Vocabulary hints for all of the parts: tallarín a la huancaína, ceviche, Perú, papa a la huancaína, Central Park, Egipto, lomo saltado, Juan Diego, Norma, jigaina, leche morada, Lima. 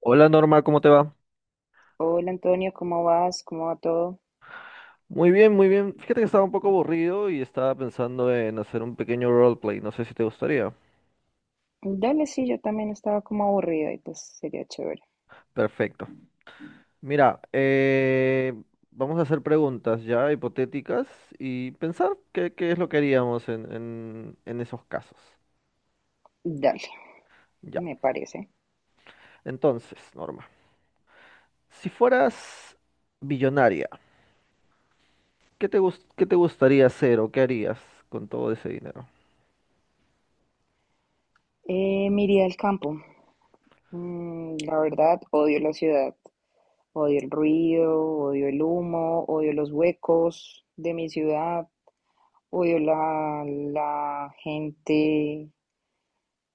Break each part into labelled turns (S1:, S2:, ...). S1: Hola Norma, ¿cómo te va?
S2: Hola Antonio, ¿cómo vas? ¿Cómo va todo?
S1: Muy bien, muy bien. Fíjate que estaba un poco aburrido y estaba pensando en hacer un pequeño roleplay. No sé si te gustaría.
S2: Dale, sí, yo también estaba como aburrida y pues sería chévere.
S1: Perfecto. Mira, vamos a hacer preguntas ya hipotéticas y pensar qué es lo que haríamos en esos casos.
S2: Dale,
S1: Ya.
S2: me parece.
S1: Entonces, Norma, si fueras billonaria, ¿ qué te gustaría hacer o qué harías con todo ese dinero?
S2: Me iría al campo. Mm, la verdad, odio la ciudad. Odio el ruido, odio el humo, odio los huecos de mi ciudad, odio la gente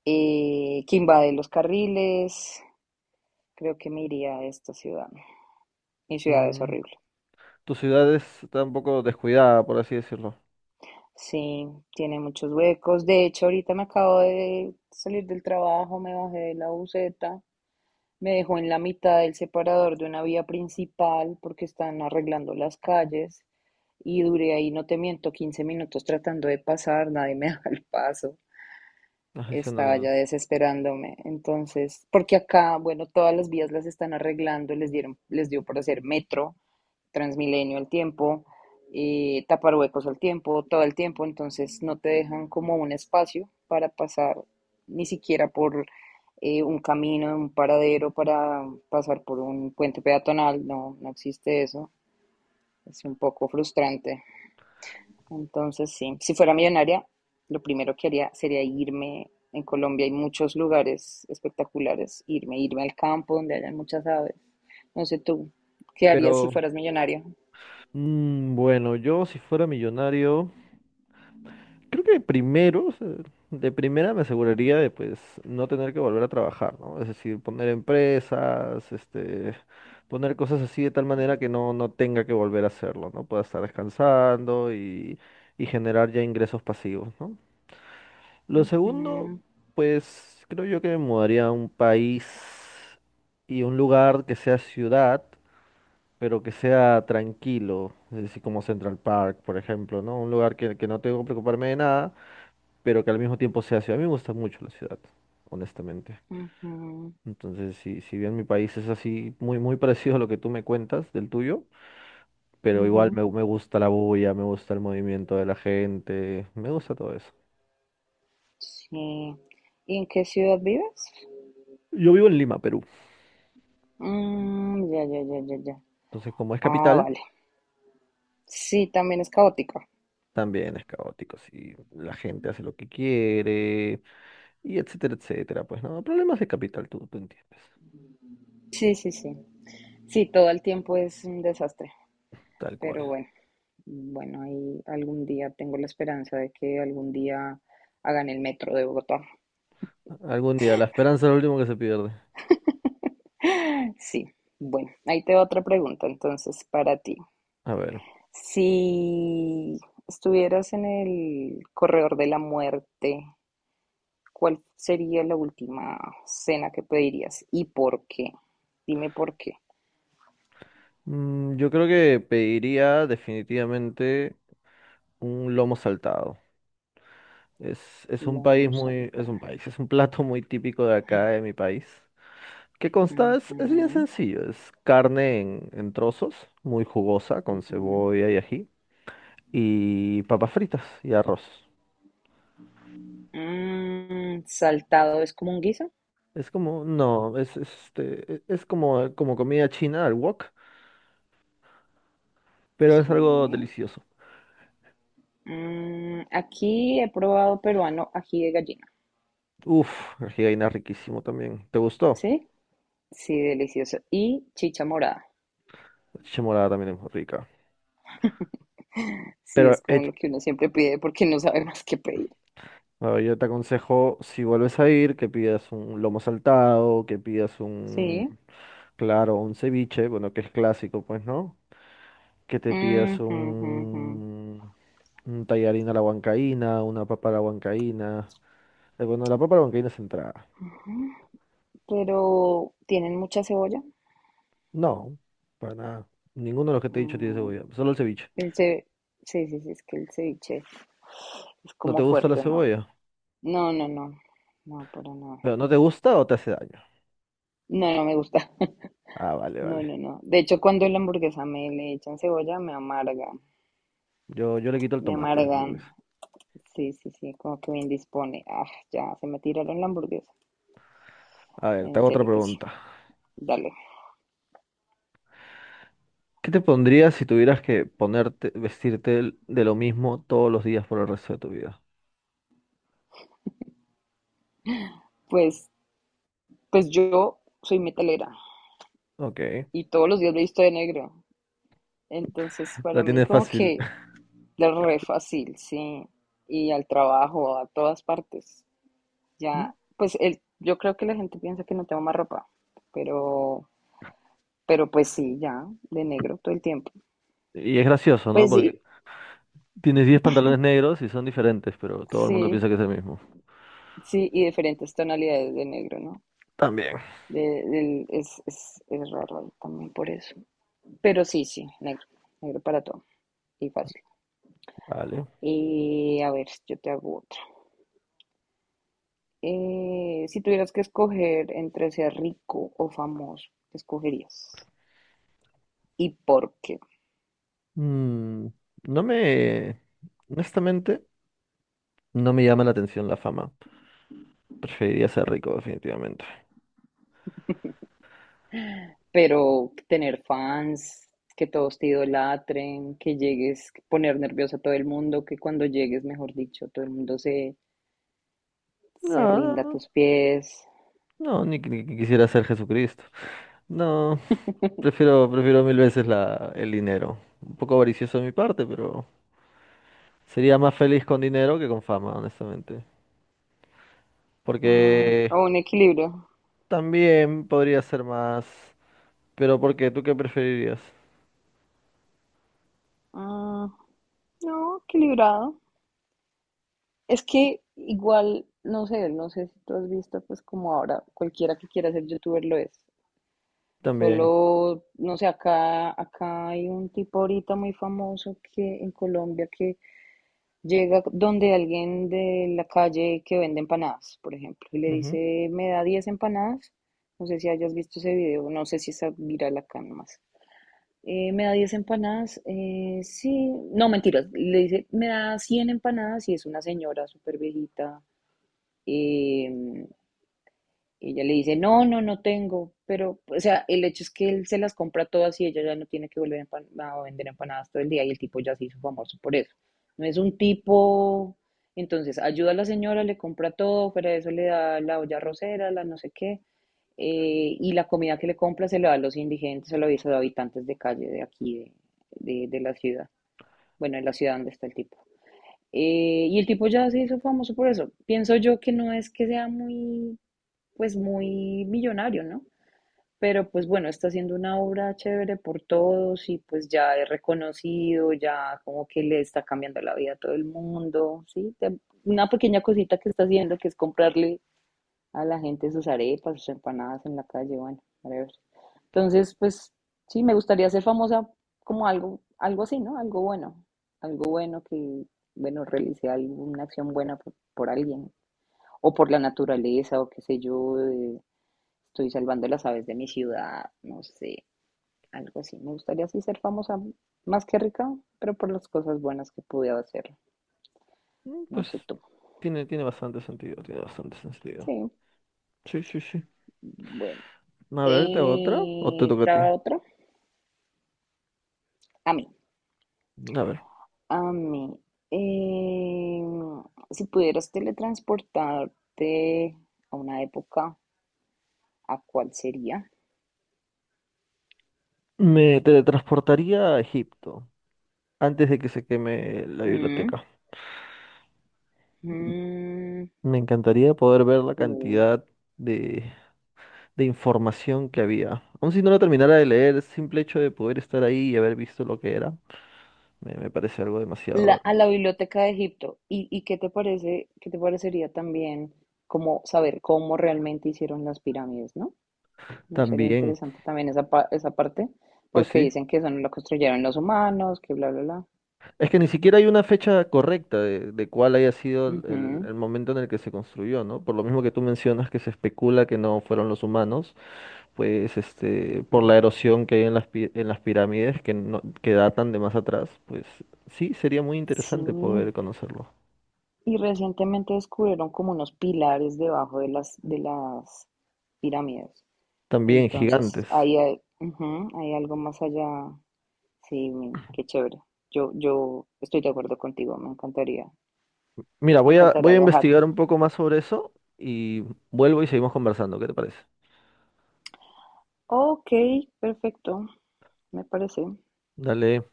S2: que invade los carriles. Creo que me iría a esta ciudad. Mi ciudad es
S1: Mm,
S2: horrible.
S1: está un poco descuidada, por así decirlo.
S2: Sí, tiene muchos huecos. De hecho, ahorita me acabo de salir del trabajo, me bajé de la buseta, me dejó en la mitad del separador de una vía principal porque están arreglando las calles y duré ahí, no te miento, 15 minutos tratando de pasar, nadie me daba el paso.
S1: No sé si
S2: Estaba
S1: no.
S2: ya desesperándome. Entonces, porque acá, bueno, todas las vías las están arreglando, les dieron, les dio por hacer metro. Transmilenio al tiempo, tapar huecos al tiempo, todo el tiempo, entonces no te dejan como un espacio para pasar ni siquiera por un camino, un paradero para pasar por un puente peatonal, no, no existe eso, es un poco frustrante. Entonces, sí, si fuera millonaria, lo primero que haría sería irme. En Colombia hay muchos lugares espectaculares, irme al campo donde hayan muchas aves. No sé tú, ¿qué harías si
S1: Pero
S2: fueras millonario?
S1: mm, bueno, yo si fuera millonario, creo que primero, o sea, de primera me aseguraría de pues no tener que volver a trabajar, ¿no? Es decir, poner empresas, poner cosas así de tal manera que no tenga que volver a hacerlo, ¿no? Pueda estar descansando y generar ya ingresos pasivos, ¿no? Lo segundo,
S2: Ujú.
S1: pues creo yo que me mudaría a un país y un lugar que sea ciudad pero que sea tranquilo, es decir, como Central Park, por ejemplo, ¿no? Un lugar que no tengo que preocuparme de nada, pero que al mismo tiempo sea ciudad. A mí me gusta mucho la ciudad, honestamente.
S2: Ujú,
S1: Entonces, si bien mi país es así, muy, muy parecido a lo que tú me cuentas del tuyo, pero igual
S2: ujú,
S1: me gusta la bulla, me gusta el movimiento de la gente, me gusta todo eso.
S2: sí. ¿Y en qué ciudad vives?
S1: Yo vivo en Lima, Perú,
S2: Mm, ya, ya, ya, ya, ya.
S1: entonces como es
S2: Ah,
S1: capital,
S2: vale. Sí, también es caótica.
S1: también es caótico, sí, la gente hace lo que quiere, y etcétera, etcétera, pues no, problemas de capital, tú entiendes,
S2: Sí, sí, sí. Sí, todo el tiempo es un desastre,
S1: tal
S2: pero
S1: cual.
S2: bueno, bueno, ahí algún día tengo la esperanza de que algún día hagan el metro de Bogotá.
S1: Algún día, la esperanza es lo último que se pierde.
S2: Sí, bueno, ahí te va otra pregunta entonces para ti.
S1: A ver,
S2: Si estuvieras en el corredor de la muerte, ¿cuál sería la última cena que pedirías y por qué? Dime por qué.
S1: mm, yo creo que pediría definitivamente un lomo saltado. Es
S2: Lo
S1: un país
S2: vamos a
S1: muy, es
S2: saltar.
S1: un país, es un plato muy típico de acá, de mi país, que consta, es bien
S2: Ujú,
S1: sencillo, es carne en trozos, muy jugosa, con
S2: ujú.
S1: cebolla y ají, y papas fritas y arroz.
S2: Mm, saltado es como un guiso.
S1: Es como, no, es como, como comida china al wok, pero es algo
S2: Sí.
S1: delicioso.
S2: Mm, aquí he probado peruano ají de gallina.
S1: Uf, el jigaina riquísimo también. ¿Te gustó?
S2: Sí. Sí, delicioso. Y chicha morada.
S1: Leche morada también es muy rica.
S2: Sí,
S1: Pero
S2: es como lo que uno siempre pide porque no sabe más qué pedir.
S1: bueno, yo te aconsejo, si vuelves a ir, que pidas un lomo saltado,
S2: Sí.
S1: claro, un ceviche, bueno, que es clásico, pues, ¿no? Que te pidas
S2: Ujú, ujú, ujú.
S1: un tallarín a la huancaína, una papa a la huancaína. Bueno, la papa a la huancaína es entrada.
S2: Pero, ¿tienen mucha cebolla?
S1: No, para nada. Ninguno de los que te he dicho tiene
S2: Mm,
S1: cebolla, solo el ceviche.
S2: El ce- sí, sí, sí, es que el ceviche es
S1: ¿No te
S2: como
S1: gusta la
S2: fuerte, ¿no?
S1: cebolla?
S2: No, no, no, no, pero no,
S1: ¿Pero no te gusta o te hace daño?
S2: no, no me gusta.
S1: Ah, vale,
S2: No,
S1: vale.
S2: no, no. De hecho, cuando la hamburguesa me le echan cebolla, me amarga,
S1: Yo le quito el
S2: me
S1: tomate a la
S2: amargan.
S1: hamburguesa.
S2: Sí, sí, sí, como que me indispone. Ah, ya, se me tiraron la hamburguesa.
S1: A ver, te
S2: En
S1: hago otra
S2: serio que sí.
S1: pregunta.
S2: Dale.
S1: ¿Qué te pondrías si tuvieras que vestirte de lo mismo todos los días por el resto de tu vida?
S2: Pues, pues yo soy metalera
S1: Ok,
S2: y todos los días me he visto de negro. Entonces, para
S1: la
S2: mí
S1: tienes
S2: como
S1: fácil.
S2: que es re fácil, sí. Y al trabajo, a todas partes. Ya, pues el, yo creo que la gente piensa que no tengo más ropa, pero, pero pues sí, ya, de negro todo el tiempo.
S1: Y es gracioso, ¿no?
S2: Pues
S1: Porque
S2: sí,
S1: tienes 10 pantalones negros y son diferentes, pero todo el mundo
S2: sí,
S1: piensa que es el mismo.
S2: sí, y diferentes tonalidades de negro, ¿no?
S1: También.
S2: Es, es raro ahí también por eso. Pero sí, sí, negro, negro para todo y fácil.
S1: Vale.
S2: Y a ver, yo te hago otra. Si tuvieras que escoger entre ser rico o famoso, ¿qué escogerías? ¿Y por qué?
S1: Mm, no me... Honestamente, no me llama la atención la fama. Preferiría ser rico, definitivamente.
S2: Pero tener fans, que todos te idolatren, que llegues, poner nervioso a todo el mundo, que cuando llegues, mejor dicho, todo el mundo se
S1: No,
S2: rinda a
S1: no,
S2: tus pies.
S1: no, ni que quisiera ser Jesucristo. No, prefiero mil veces el dinero. Un poco avaricioso de mi parte, pero... Sería más feliz con dinero que con fama, honestamente.
S2: Mm,
S1: Porque
S2: o un equilibrio.
S1: también podría ser más. Pero ¿por qué? ¿Tú qué preferirías?
S2: Mm, no, equilibrado. Es que igual, no sé, no sé si tú has visto, pues como ahora cualquiera que quiera ser youtuber lo es.
S1: También.
S2: Solo, no sé, acá hay un tipo ahorita muy famoso que en Colombia que llega donde alguien de la calle que vende empanadas, por ejemplo, y le
S1: Ujú.
S2: dice, me da 10 empanadas. No sé si hayas visto ese video, no sé si está viral acá nomás. Me da 10 empanadas, sí, no, mentiras, le dice, me da 100 empanadas y es una señora súper viejita em, y ella le dice, no, no, no tengo, pero, o sea, el hecho es que él se las compra todas y ella ya no tiene que volver a a vender empanadas todo el día y el tipo ya se hizo famoso por eso. No es un tipo, entonces, ayuda a la señora, le compra todo, fuera de eso le da la olla rosera, la no sé qué, y la comida que le compra se la da a los indigentes, se la da a los habitantes de calle de aquí, de la ciudad, bueno, en la ciudad donde está el tipo. Y el tipo ya se hizo famoso por eso. Pienso yo que no es que sea muy pues muy millonario, ¿no? Pero pues bueno, está haciendo una obra chévere por todos y pues ya es reconocido, ya como que le está cambiando la vida a todo el mundo, ¿sí? Te- una pequeña cosita que está haciendo que es comprarle a la gente sus arepas, sus empanadas en la calle, bueno, whatever. Entonces, pues sí, me gustaría ser famosa como algo, algo así, ¿no? Algo bueno que, bueno, realice alguna acción buena por alguien o por la naturaleza o qué sé yo, estoy salvando las aves de mi ciudad, no sé, algo así. Me gustaría así ser famosa, más que rica, pero por las cosas buenas que pude hacer,
S1: Mm,
S2: no
S1: pues
S2: sé tú.
S1: tiene, tiene bastante sentido, tiene bastante
S2: Sí,
S1: sentido. Sí, sí, sí.
S2: bueno.
S1: A ver, ¿te hago otra? ¿O te toca a ti?
S2: ¿Ta otro? A mí.
S1: A ver.
S2: A mí. Eh, si pudieras teletransportarte a una época, ¿a cuál sería?
S1: Me teletransportaría a Egipto antes de que se queme la
S2: Mm,
S1: biblioteca.
S2: mm,
S1: Me encantaría poder ver la
S2: uh,
S1: cantidad de de información que había. Aun si no lo terminara de leer, el simple hecho de poder estar ahí y haber visto lo que era, me parece algo
S2: la,
S1: demasiado
S2: a la
S1: hermoso.
S2: Biblioteca de Egipto. Y qué te parece, qué te parecería también como saber cómo realmente hicieron las pirámides, ¿no? No sería
S1: También,
S2: interesante también esa, esa parte,
S1: pues
S2: porque
S1: sí.
S2: dicen que eso no lo construyeron los humanos, que bla, bla, bla.
S1: Es que ni siquiera hay una fecha correcta de cuál haya sido
S2: Ujú,
S1: el momento en el que se construyó, ¿no? Por lo mismo que tú mencionas que se especula que no fueron los humanos, pues este,
S2: ujú.
S1: por la erosión que hay en las, en las pirámides que, no, que datan de más atrás, pues sí, sería muy
S2: Sí.
S1: interesante poder conocerlo.
S2: Y recientemente descubrieron como unos pilares debajo de de las pirámides.
S1: También
S2: Entonces,
S1: gigantes.
S2: ahí hay, ujú, hay algo más allá. Sí, men, qué chévere. Yo estoy de acuerdo contigo,
S1: Mira,
S2: me
S1: voy
S2: encantaría
S1: a
S2: viajar.
S1: investigar un poco más sobre eso y vuelvo y seguimos conversando. ¿Qué te parece?
S2: Ok, perfecto, me parece.
S1: Dale,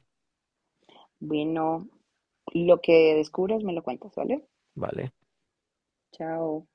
S2: Bueno, lo que descubras me lo cuentas, ¿vale?
S1: vale.
S2: Chao.